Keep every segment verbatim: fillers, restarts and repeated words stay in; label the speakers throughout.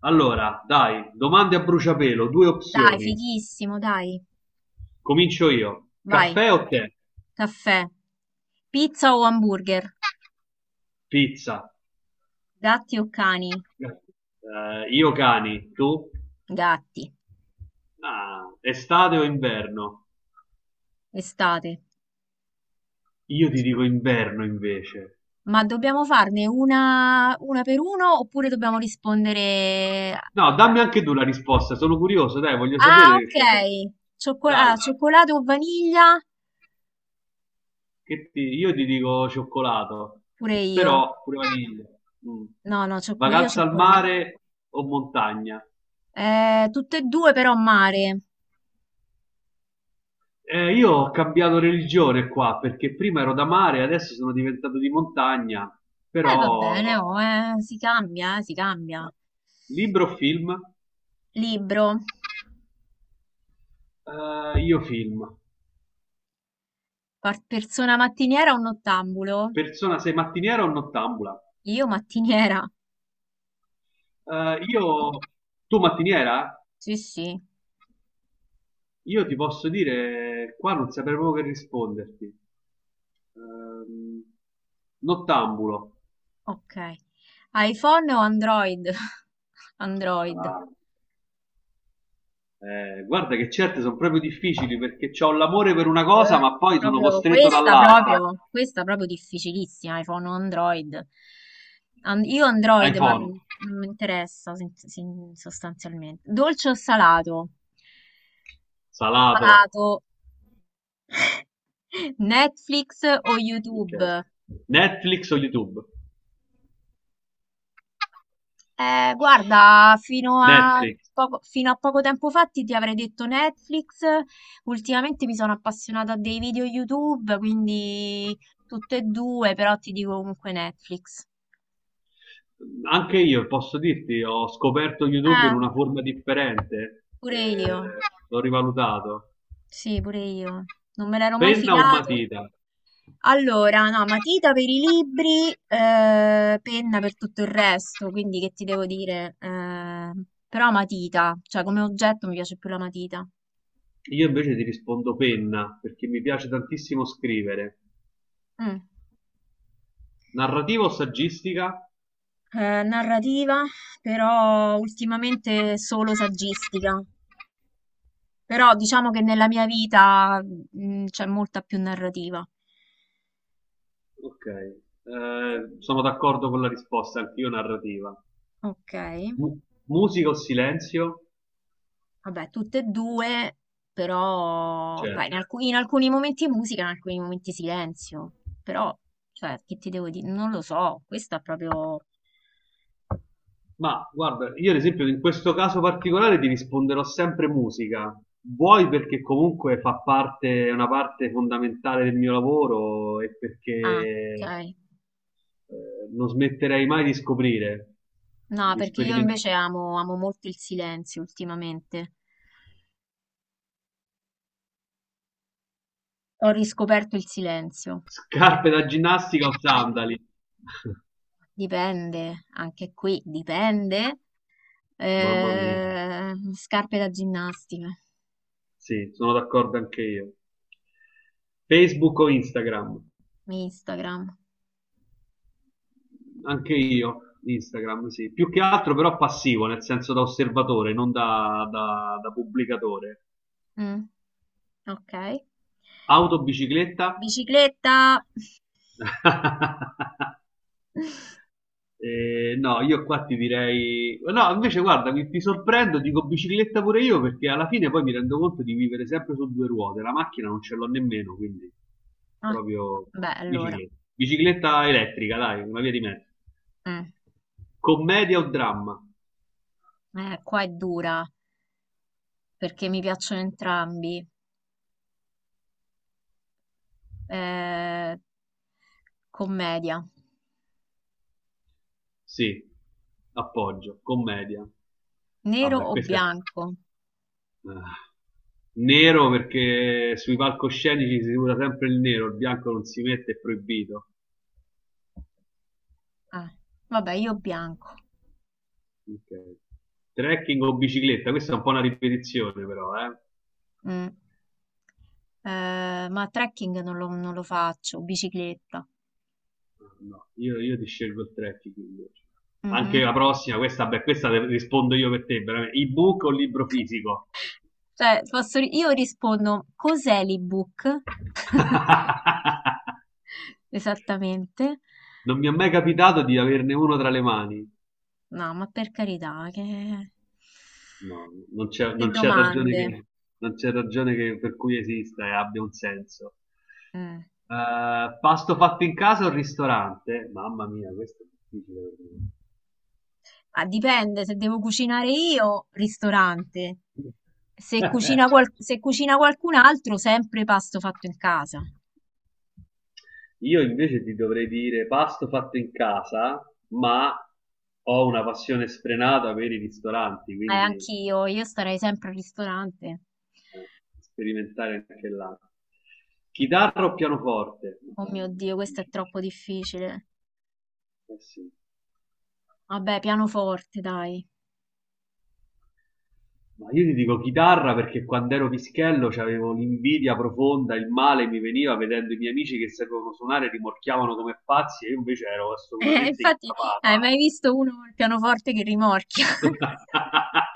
Speaker 1: Allora, dai, domande a bruciapelo, due
Speaker 2: Dai,
Speaker 1: opzioni.
Speaker 2: fighissimo, dai.
Speaker 1: Comincio io.
Speaker 2: Vai,
Speaker 1: Caffè o tè?
Speaker 2: caffè, pizza o hamburger,
Speaker 1: Pizza.
Speaker 2: gatti o cani?
Speaker 1: Eh, io cani, tu?
Speaker 2: Gatti,
Speaker 1: Ah, estate o inverno?
Speaker 2: estate.
Speaker 1: Io ti dico inverno invece.
Speaker 2: Ma dobbiamo farne una, una per uno oppure dobbiamo rispondere...
Speaker 1: No, dammi anche tu la risposta, sono curioso, dai, voglio sapere
Speaker 2: Ah,
Speaker 1: che cos'è.
Speaker 2: ok. Cioccola-
Speaker 1: Dai,
Speaker 2: ah, cioccolato o vaniglia?
Speaker 1: che ti- io ti dico cioccolato,
Speaker 2: Pure io.
Speaker 1: però pure vaniglia. Mm.
Speaker 2: No, no, ciocco io,
Speaker 1: Vacanza al
Speaker 2: cioccolato.
Speaker 1: mare o montagna?
Speaker 2: Eh, tutte e due però mare.
Speaker 1: Eh, io ho cambiato religione qua perché prima ero da mare, adesso sono diventato di montagna,
Speaker 2: Eh, va
Speaker 1: però
Speaker 2: bene, oh, eh, si cambia, eh, si cambia.
Speaker 1: libro o film?
Speaker 2: Libro.
Speaker 1: Eh, io film.
Speaker 2: Par- persona mattiniera o nottambulo?
Speaker 1: Persona, sei mattiniera o nottambula?
Speaker 2: Io mattiniera?
Speaker 1: Eh, io, tu mattiniera?
Speaker 2: Sì, sì,
Speaker 1: Io ti posso dire, qua non saprei proprio che risponderti. Ehm, Nottambulo.
Speaker 2: ok. iPhone o Android? Android.
Speaker 1: Ah, eh, guarda che certe sono proprio difficili perché ho l'amore per una cosa
Speaker 2: Eh,
Speaker 1: ma poi sono
Speaker 2: Proprio
Speaker 1: costretto
Speaker 2: questa,
Speaker 1: dall'altra.
Speaker 2: proprio, questa proprio difficilissima, iPhone o Android. An- io Android, ma
Speaker 1: iPhone.
Speaker 2: non mi interessa sin- sin- sostanzialmente. Dolce o salato?
Speaker 1: Salato.
Speaker 2: Salato. Netflix o
Speaker 1: Ok.
Speaker 2: YouTube?
Speaker 1: Netflix o YouTube?
Speaker 2: Eh, guarda, fino a
Speaker 1: Netflix.
Speaker 2: poco, fino a poco tempo fa ti ti avrei detto Netflix, ultimamente mi sono appassionata a dei video YouTube, quindi tutte e due, però ti dico comunque Netflix.
Speaker 1: Anche io posso dirti, ho scoperto YouTube in
Speaker 2: Eh,
Speaker 1: una forma differente,
Speaker 2: pure
Speaker 1: eh,
Speaker 2: io,
Speaker 1: l'ho rivalutato.
Speaker 2: sì, pure io, non me l'ero mai
Speaker 1: Penna o
Speaker 2: filato.
Speaker 1: matita?
Speaker 2: Allora, no, matita per i libri, eh, penna per tutto il resto, quindi che ti devo dire? Eh, però matita, cioè come oggetto mi piace più la matita.
Speaker 1: Io invece ti rispondo penna, perché mi piace tantissimo scrivere.
Speaker 2: Mm.
Speaker 1: Narrativa o saggistica?
Speaker 2: Eh, narrativa, però ultimamente solo saggistica. Però diciamo che nella mia vita mm, c'è molta più narrativa.
Speaker 1: Ok, eh, sono d'accordo con la risposta, anch'io narrativa.
Speaker 2: Ok,
Speaker 1: Mu- Musica o silenzio?
Speaker 2: vabbè, tutte e due, però poi in
Speaker 1: Certo.
Speaker 2: alcu- in alcuni momenti musica, in alcuni momenti silenzio. Però, cioè, che ti devo dire? Non lo so, questo è proprio...
Speaker 1: Ma guarda, io ad esempio in questo caso particolare ti risponderò sempre musica. Vuoi perché comunque fa parte, è una parte fondamentale del mio lavoro e perché
Speaker 2: Ah,
Speaker 1: eh,
Speaker 2: ok.
Speaker 1: non smetterei mai di scoprire,
Speaker 2: No,
Speaker 1: di
Speaker 2: perché io invece
Speaker 1: sperimentare.
Speaker 2: amo, amo molto il silenzio ultimamente. Ho riscoperto il silenzio.
Speaker 1: Scarpe da ginnastica o sandali?
Speaker 2: Dipende, anche qui dipende.
Speaker 1: Mamma mia,
Speaker 2: Eh, scarpe da ginnastica.
Speaker 1: sì, sono d'accordo anche io. Facebook o Instagram?
Speaker 2: Instagram.
Speaker 1: Anche io, Instagram, sì. Più che altro però passivo, nel senso da osservatore, non da, da- da pubblicatore.
Speaker 2: Mm, ok.
Speaker 1: Auto, bicicletta?
Speaker 2: Bicicletta.
Speaker 1: Eh, no, io qua ti direi. No, invece guarda, mi- ti sorprendo, dico bicicletta pure io, perché alla fine poi mi rendo conto di vivere sempre su due ruote. La macchina non ce l'ho nemmeno, quindi
Speaker 2: Ah,
Speaker 1: proprio
Speaker 2: beh, allora.
Speaker 1: bicicletta. Bicicletta elettrica, dai, una via di mezzo.
Speaker 2: mm,
Speaker 1: Commedia o dramma?
Speaker 2: eh, Qua è dura perché mi piacciono entrambi. Eh, commedia.
Speaker 1: Sì, appoggio, commedia.
Speaker 2: Nero
Speaker 1: Vabbè,
Speaker 2: o
Speaker 1: questo è...
Speaker 2: bianco?
Speaker 1: ah. Nero perché sui palcoscenici si usa sempre il nero, il bianco non si mette, è proibito.
Speaker 2: Ah, vabbè, io bianco.
Speaker 1: Ok. Trekking o bicicletta? Questa è un po' una ripetizione però, eh.
Speaker 2: Mm. Eh, ma trekking non lo, non lo faccio, bicicletta.
Speaker 1: No, io, io ti scelgo il trekking invece. Anche
Speaker 2: Mhm.
Speaker 1: la prossima, questa, beh, questa te- rispondo io per te, veramente. Ebook o libro fisico?
Speaker 2: Cioè, posso- io rispondo, cos'è l'ebook? Esattamente.
Speaker 1: Non mi è mai capitato di averne uno tra le mani.
Speaker 2: No, ma per carità, che,
Speaker 1: No, non c'è
Speaker 2: che
Speaker 1: non c'è ragione
Speaker 2: domande.
Speaker 1: che non c'è ragione che per cui esista e abbia un senso.
Speaker 2: Mm.
Speaker 1: Ehm, pasto fatto in casa o ristorante? Mamma mia, questo è difficile per
Speaker 2: Ah, dipende, se devo cucinare io, ristorante.
Speaker 1: me.
Speaker 2: Se cucina, qual- se cucina qualcun altro, sempre pasto fatto in casa.
Speaker 1: Io invece ti dovrei dire pasto fatto in casa, ma ho una passione sfrenata per i ristoranti,
Speaker 2: Eh,
Speaker 1: quindi
Speaker 2: anch'io, io starei sempre al ristorante.
Speaker 1: eh, sperimentare anche là. Chitarra o pianoforte?
Speaker 2: Oh mio
Speaker 1: Madonna,
Speaker 2: Dio, questo è
Speaker 1: difficile.
Speaker 2: troppo difficile.
Speaker 1: Eh sì.
Speaker 2: Vabbè, pianoforte, dai.
Speaker 1: Ma io ti dico chitarra perché quando ero pischello c'avevo l'invidia profonda, il male mi veniva vedendo i miei amici che sapevano suonare, rimorchiavano come pazzi e io invece ero
Speaker 2: Eh,
Speaker 1: assolutamente
Speaker 2: infatti, hai
Speaker 1: incapace.
Speaker 2: mai visto uno col pianoforte che rimorchia?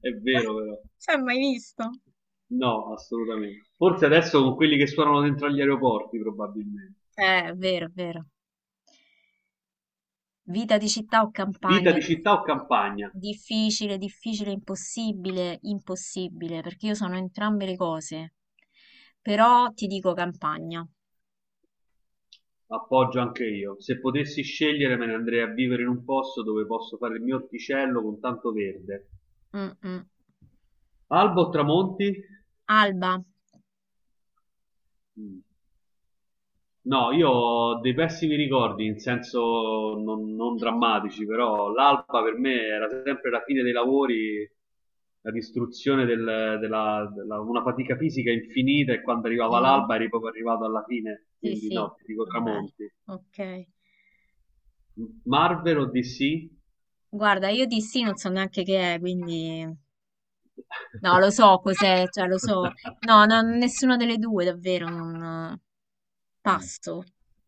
Speaker 1: È vero però,
Speaker 2: Si è mai visto?
Speaker 1: no, assolutamente. Forse adesso con quelli che suonano dentro agli aeroporti probabilmente.
Speaker 2: Eh, è vero, è vero. Vita di città o
Speaker 1: Vita
Speaker 2: campagna?
Speaker 1: di
Speaker 2: di-
Speaker 1: città o campagna?
Speaker 2: Difficile, difficile, impossibile, impossibile, perché io sono entrambe le cose. Però ti dico campagna.
Speaker 1: Appoggio anche io. Se potessi scegliere me ne andrei a vivere in un posto dove posso fare il mio orticello con tanto verde.
Speaker 2: Mm, mm.
Speaker 1: Albo o tramonti?
Speaker 2: Alba.
Speaker 1: Mm. No, io ho dei pessimi ricordi, in senso non, non drammatici, però l'alba per me era sempre la fine dei lavori, la distruzione del- della, della- una fatica fisica infinita e quando arrivava
Speaker 2: Mm,
Speaker 1: l'alba eri proprio arrivato alla fine,
Speaker 2: sì,
Speaker 1: quindi
Speaker 2: sì.
Speaker 1: no, ti dico
Speaker 2: Vabbè,
Speaker 1: tramonti.
Speaker 2: ok.
Speaker 1: Marvel o D C?
Speaker 2: Guarda, io di sì non so neanche che è, quindi... No, lo so cos'è, cioè lo so. No, no, nessuna delle due, davvero, non...
Speaker 1: Mm.
Speaker 2: Passo.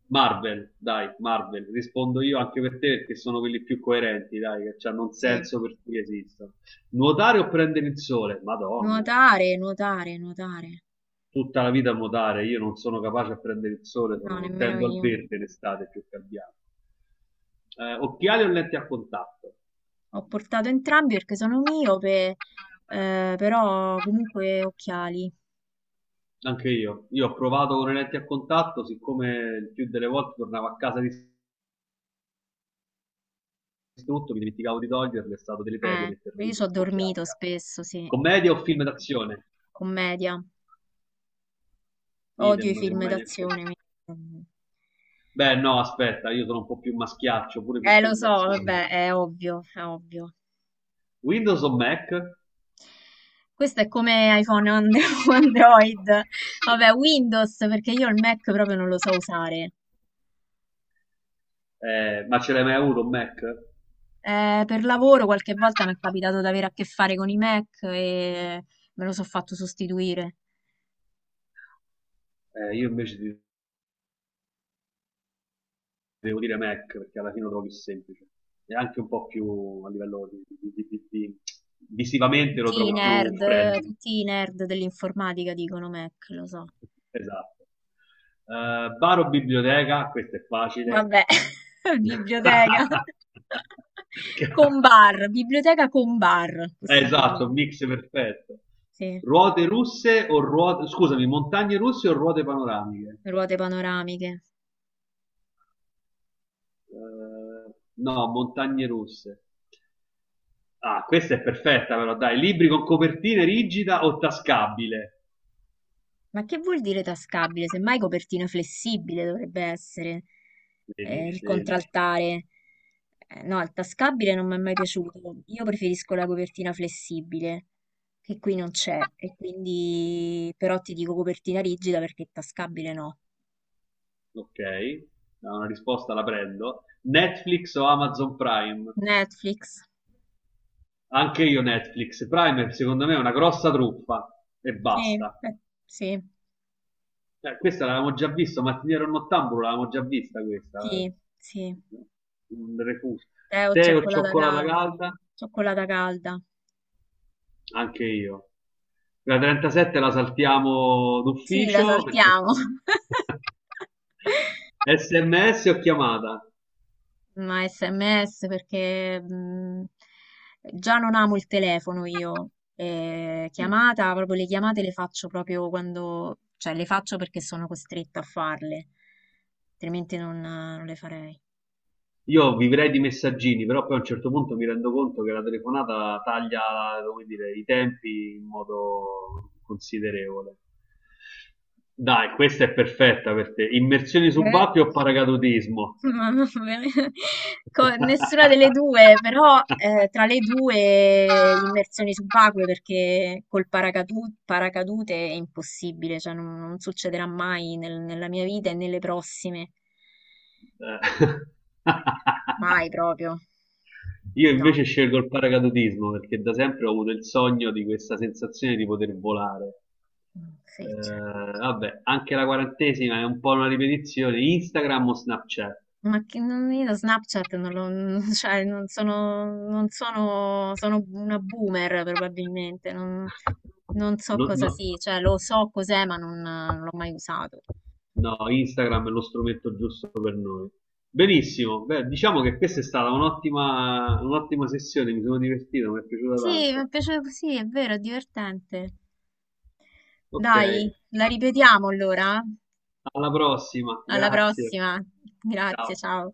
Speaker 1: Marvel, dai, Marvel, rispondo io anche per te perché sono quelli più coerenti, dai, che hanno un
Speaker 2: Sì.
Speaker 1: senso per cui esistono. Nuotare o prendere il sole? Madonna,
Speaker 2: Nuotare, nuotare, nuotare.
Speaker 1: tutta la vita a nuotare, io non sono capace a prendere il sole,
Speaker 2: No,
Speaker 1: sono,
Speaker 2: nemmeno
Speaker 1: tendo al
Speaker 2: io.
Speaker 1: verde in estate più che al bianco. Eh, occhiali o lenti a contatto?
Speaker 2: Ho portato entrambi perché sono miope, eh, però comunque occhiali.
Speaker 1: Anche io, io, ho provato con le lenti a contatto, siccome il più delle volte tornavo a casa distrutto, mi dimenticavo di toglierle, è stato deleterio
Speaker 2: Eh,
Speaker 1: metterle,
Speaker 2: io so
Speaker 1: quindi occhiali.
Speaker 2: dormito spesso, sì.
Speaker 1: Commedia o film d'azione?
Speaker 2: Commedia. Odio i
Speaker 1: Idem
Speaker 2: film
Speaker 1: commedia.
Speaker 2: d'azione. mi-
Speaker 1: Beh, no, aspetta, io sono un po' più maschiaccio pure per
Speaker 2: Eh, lo
Speaker 1: film
Speaker 2: so,
Speaker 1: d'azione.
Speaker 2: vabbè, è ovvio, è ovvio.
Speaker 1: Windows o Mac? Eh,
Speaker 2: Questo è come iPhone o And- o Android.
Speaker 1: sì.
Speaker 2: Vabbè, Windows, perché io il Mac proprio non lo so usare.
Speaker 1: Eh, ma ce l'hai mai avuto un Mac?
Speaker 2: Eh, per lavoro qualche volta mi è capitato di avere a che fare con i Mac e me lo so fatto sostituire.
Speaker 1: Eh, io invece ti devo dire Mac perché alla fine lo trovo più semplice e anche un po' più a livello di, di- di- di- di... visivamente lo
Speaker 2: Tutti i
Speaker 1: trovo più
Speaker 2: nerd,
Speaker 1: friendly.
Speaker 2: tutti i nerd dell'informatica dicono Mac, lo so.
Speaker 1: Esatto. Eh, bar o biblioteca? Questo è facile.
Speaker 2: Vabbè, biblioteca
Speaker 1: Ca-
Speaker 2: con bar, biblioteca con bar,
Speaker 1: Eh, esatto, un
Speaker 2: possibilmente.
Speaker 1: mix perfetto.
Speaker 2: Sì,
Speaker 1: Ruote russe o ruote, scusami, montagne russe o ruote panoramiche?
Speaker 2: ruote panoramiche.
Speaker 1: Eh, no, montagne russe. Ah, questa è perfetta però, dai, libri con copertina rigida o tascabile?
Speaker 2: Ma che vuol dire tascabile? Semmai copertina flessibile dovrebbe essere eh,
Speaker 1: Vedi,
Speaker 2: il
Speaker 1: vedi.
Speaker 2: contraltare. Eh, no, il tascabile non mi è mai piaciuto. Io preferisco la copertina flessibile, che qui non c'è, e quindi però ti dico copertina rigida perché tascabile no.
Speaker 1: Ok, no, una risposta la prendo. Netflix o Amazon Prime?
Speaker 2: Netflix.
Speaker 1: Anche io Netflix. Prime secondo me è una grossa truffa e
Speaker 2: Sì,
Speaker 1: basta.
Speaker 2: eh, sì,
Speaker 1: Cioè, questa l'avevamo già vista, Mattiniero Nottambulo l'avevamo già vista questa.
Speaker 2: sì, sì.
Speaker 1: Un refuso.
Speaker 2: Tè o
Speaker 1: Tè o
Speaker 2: cioccolata
Speaker 1: cioccolata
Speaker 2: calda.
Speaker 1: calda?
Speaker 2: Cioccolata calda.
Speaker 1: Anche io. La trentasette la saltiamo
Speaker 2: Sì, la
Speaker 1: d'ufficio perché.
Speaker 2: saltiamo.
Speaker 1: S M S o chiamata?
Speaker 2: Ma S M S perché mh, già non amo il telefono io. E chiamata, proprio le chiamate le faccio proprio quando, cioè le faccio perché sono costretta a farle, altrimenti non, non le farei.
Speaker 1: Io vivrei di messaggini, però poi a un certo punto mi rendo conto che la telefonata taglia, come dire, i tempi in modo considerevole. Dai, questa è perfetta per te. Immersioni
Speaker 2: Eh,
Speaker 1: subacquee o paracadutismo?
Speaker 2: ma va bene. Co- nessuna delle due, però eh, tra le due immersioni subacquee perché col paracadu- paracadute è impossibile, cioè non, non succederà mai nel- nella mia vita e nelle prossime.
Speaker 1: Eh.
Speaker 2: Mai proprio.
Speaker 1: Io
Speaker 2: No,
Speaker 1: invece scelgo il paracadutismo perché da sempre ho avuto il sogno di questa sensazione di poter volare.
Speaker 2: mm,
Speaker 1: Eh,
Speaker 2: sì, cioè.
Speaker 1: vabbè, anche la quarantesima è un po' una ripetizione. Instagram o Snapchat?
Speaker 2: Ma che non, io Snapchat non lo, non- cioè, non sono, non sono, sono una boomer probabilmente, non, non so
Speaker 1: No,
Speaker 2: cosa
Speaker 1: no-
Speaker 2: sia, cioè lo so cos'è ma non, non l'ho mai usato.
Speaker 1: no, Instagram è lo strumento giusto per noi. Benissimo, beh, diciamo che questa è stata un'ottima, un'ottima sessione, mi sono divertito, mi è piaciuta
Speaker 2: Sì, mi
Speaker 1: tanto.
Speaker 2: piace così, è vero, è divertente.
Speaker 1: Ok,
Speaker 2: Dai, la ripetiamo allora.
Speaker 1: alla prossima,
Speaker 2: Alla
Speaker 1: grazie,
Speaker 2: prossima. Grazie,
Speaker 1: ciao.
Speaker 2: ciao.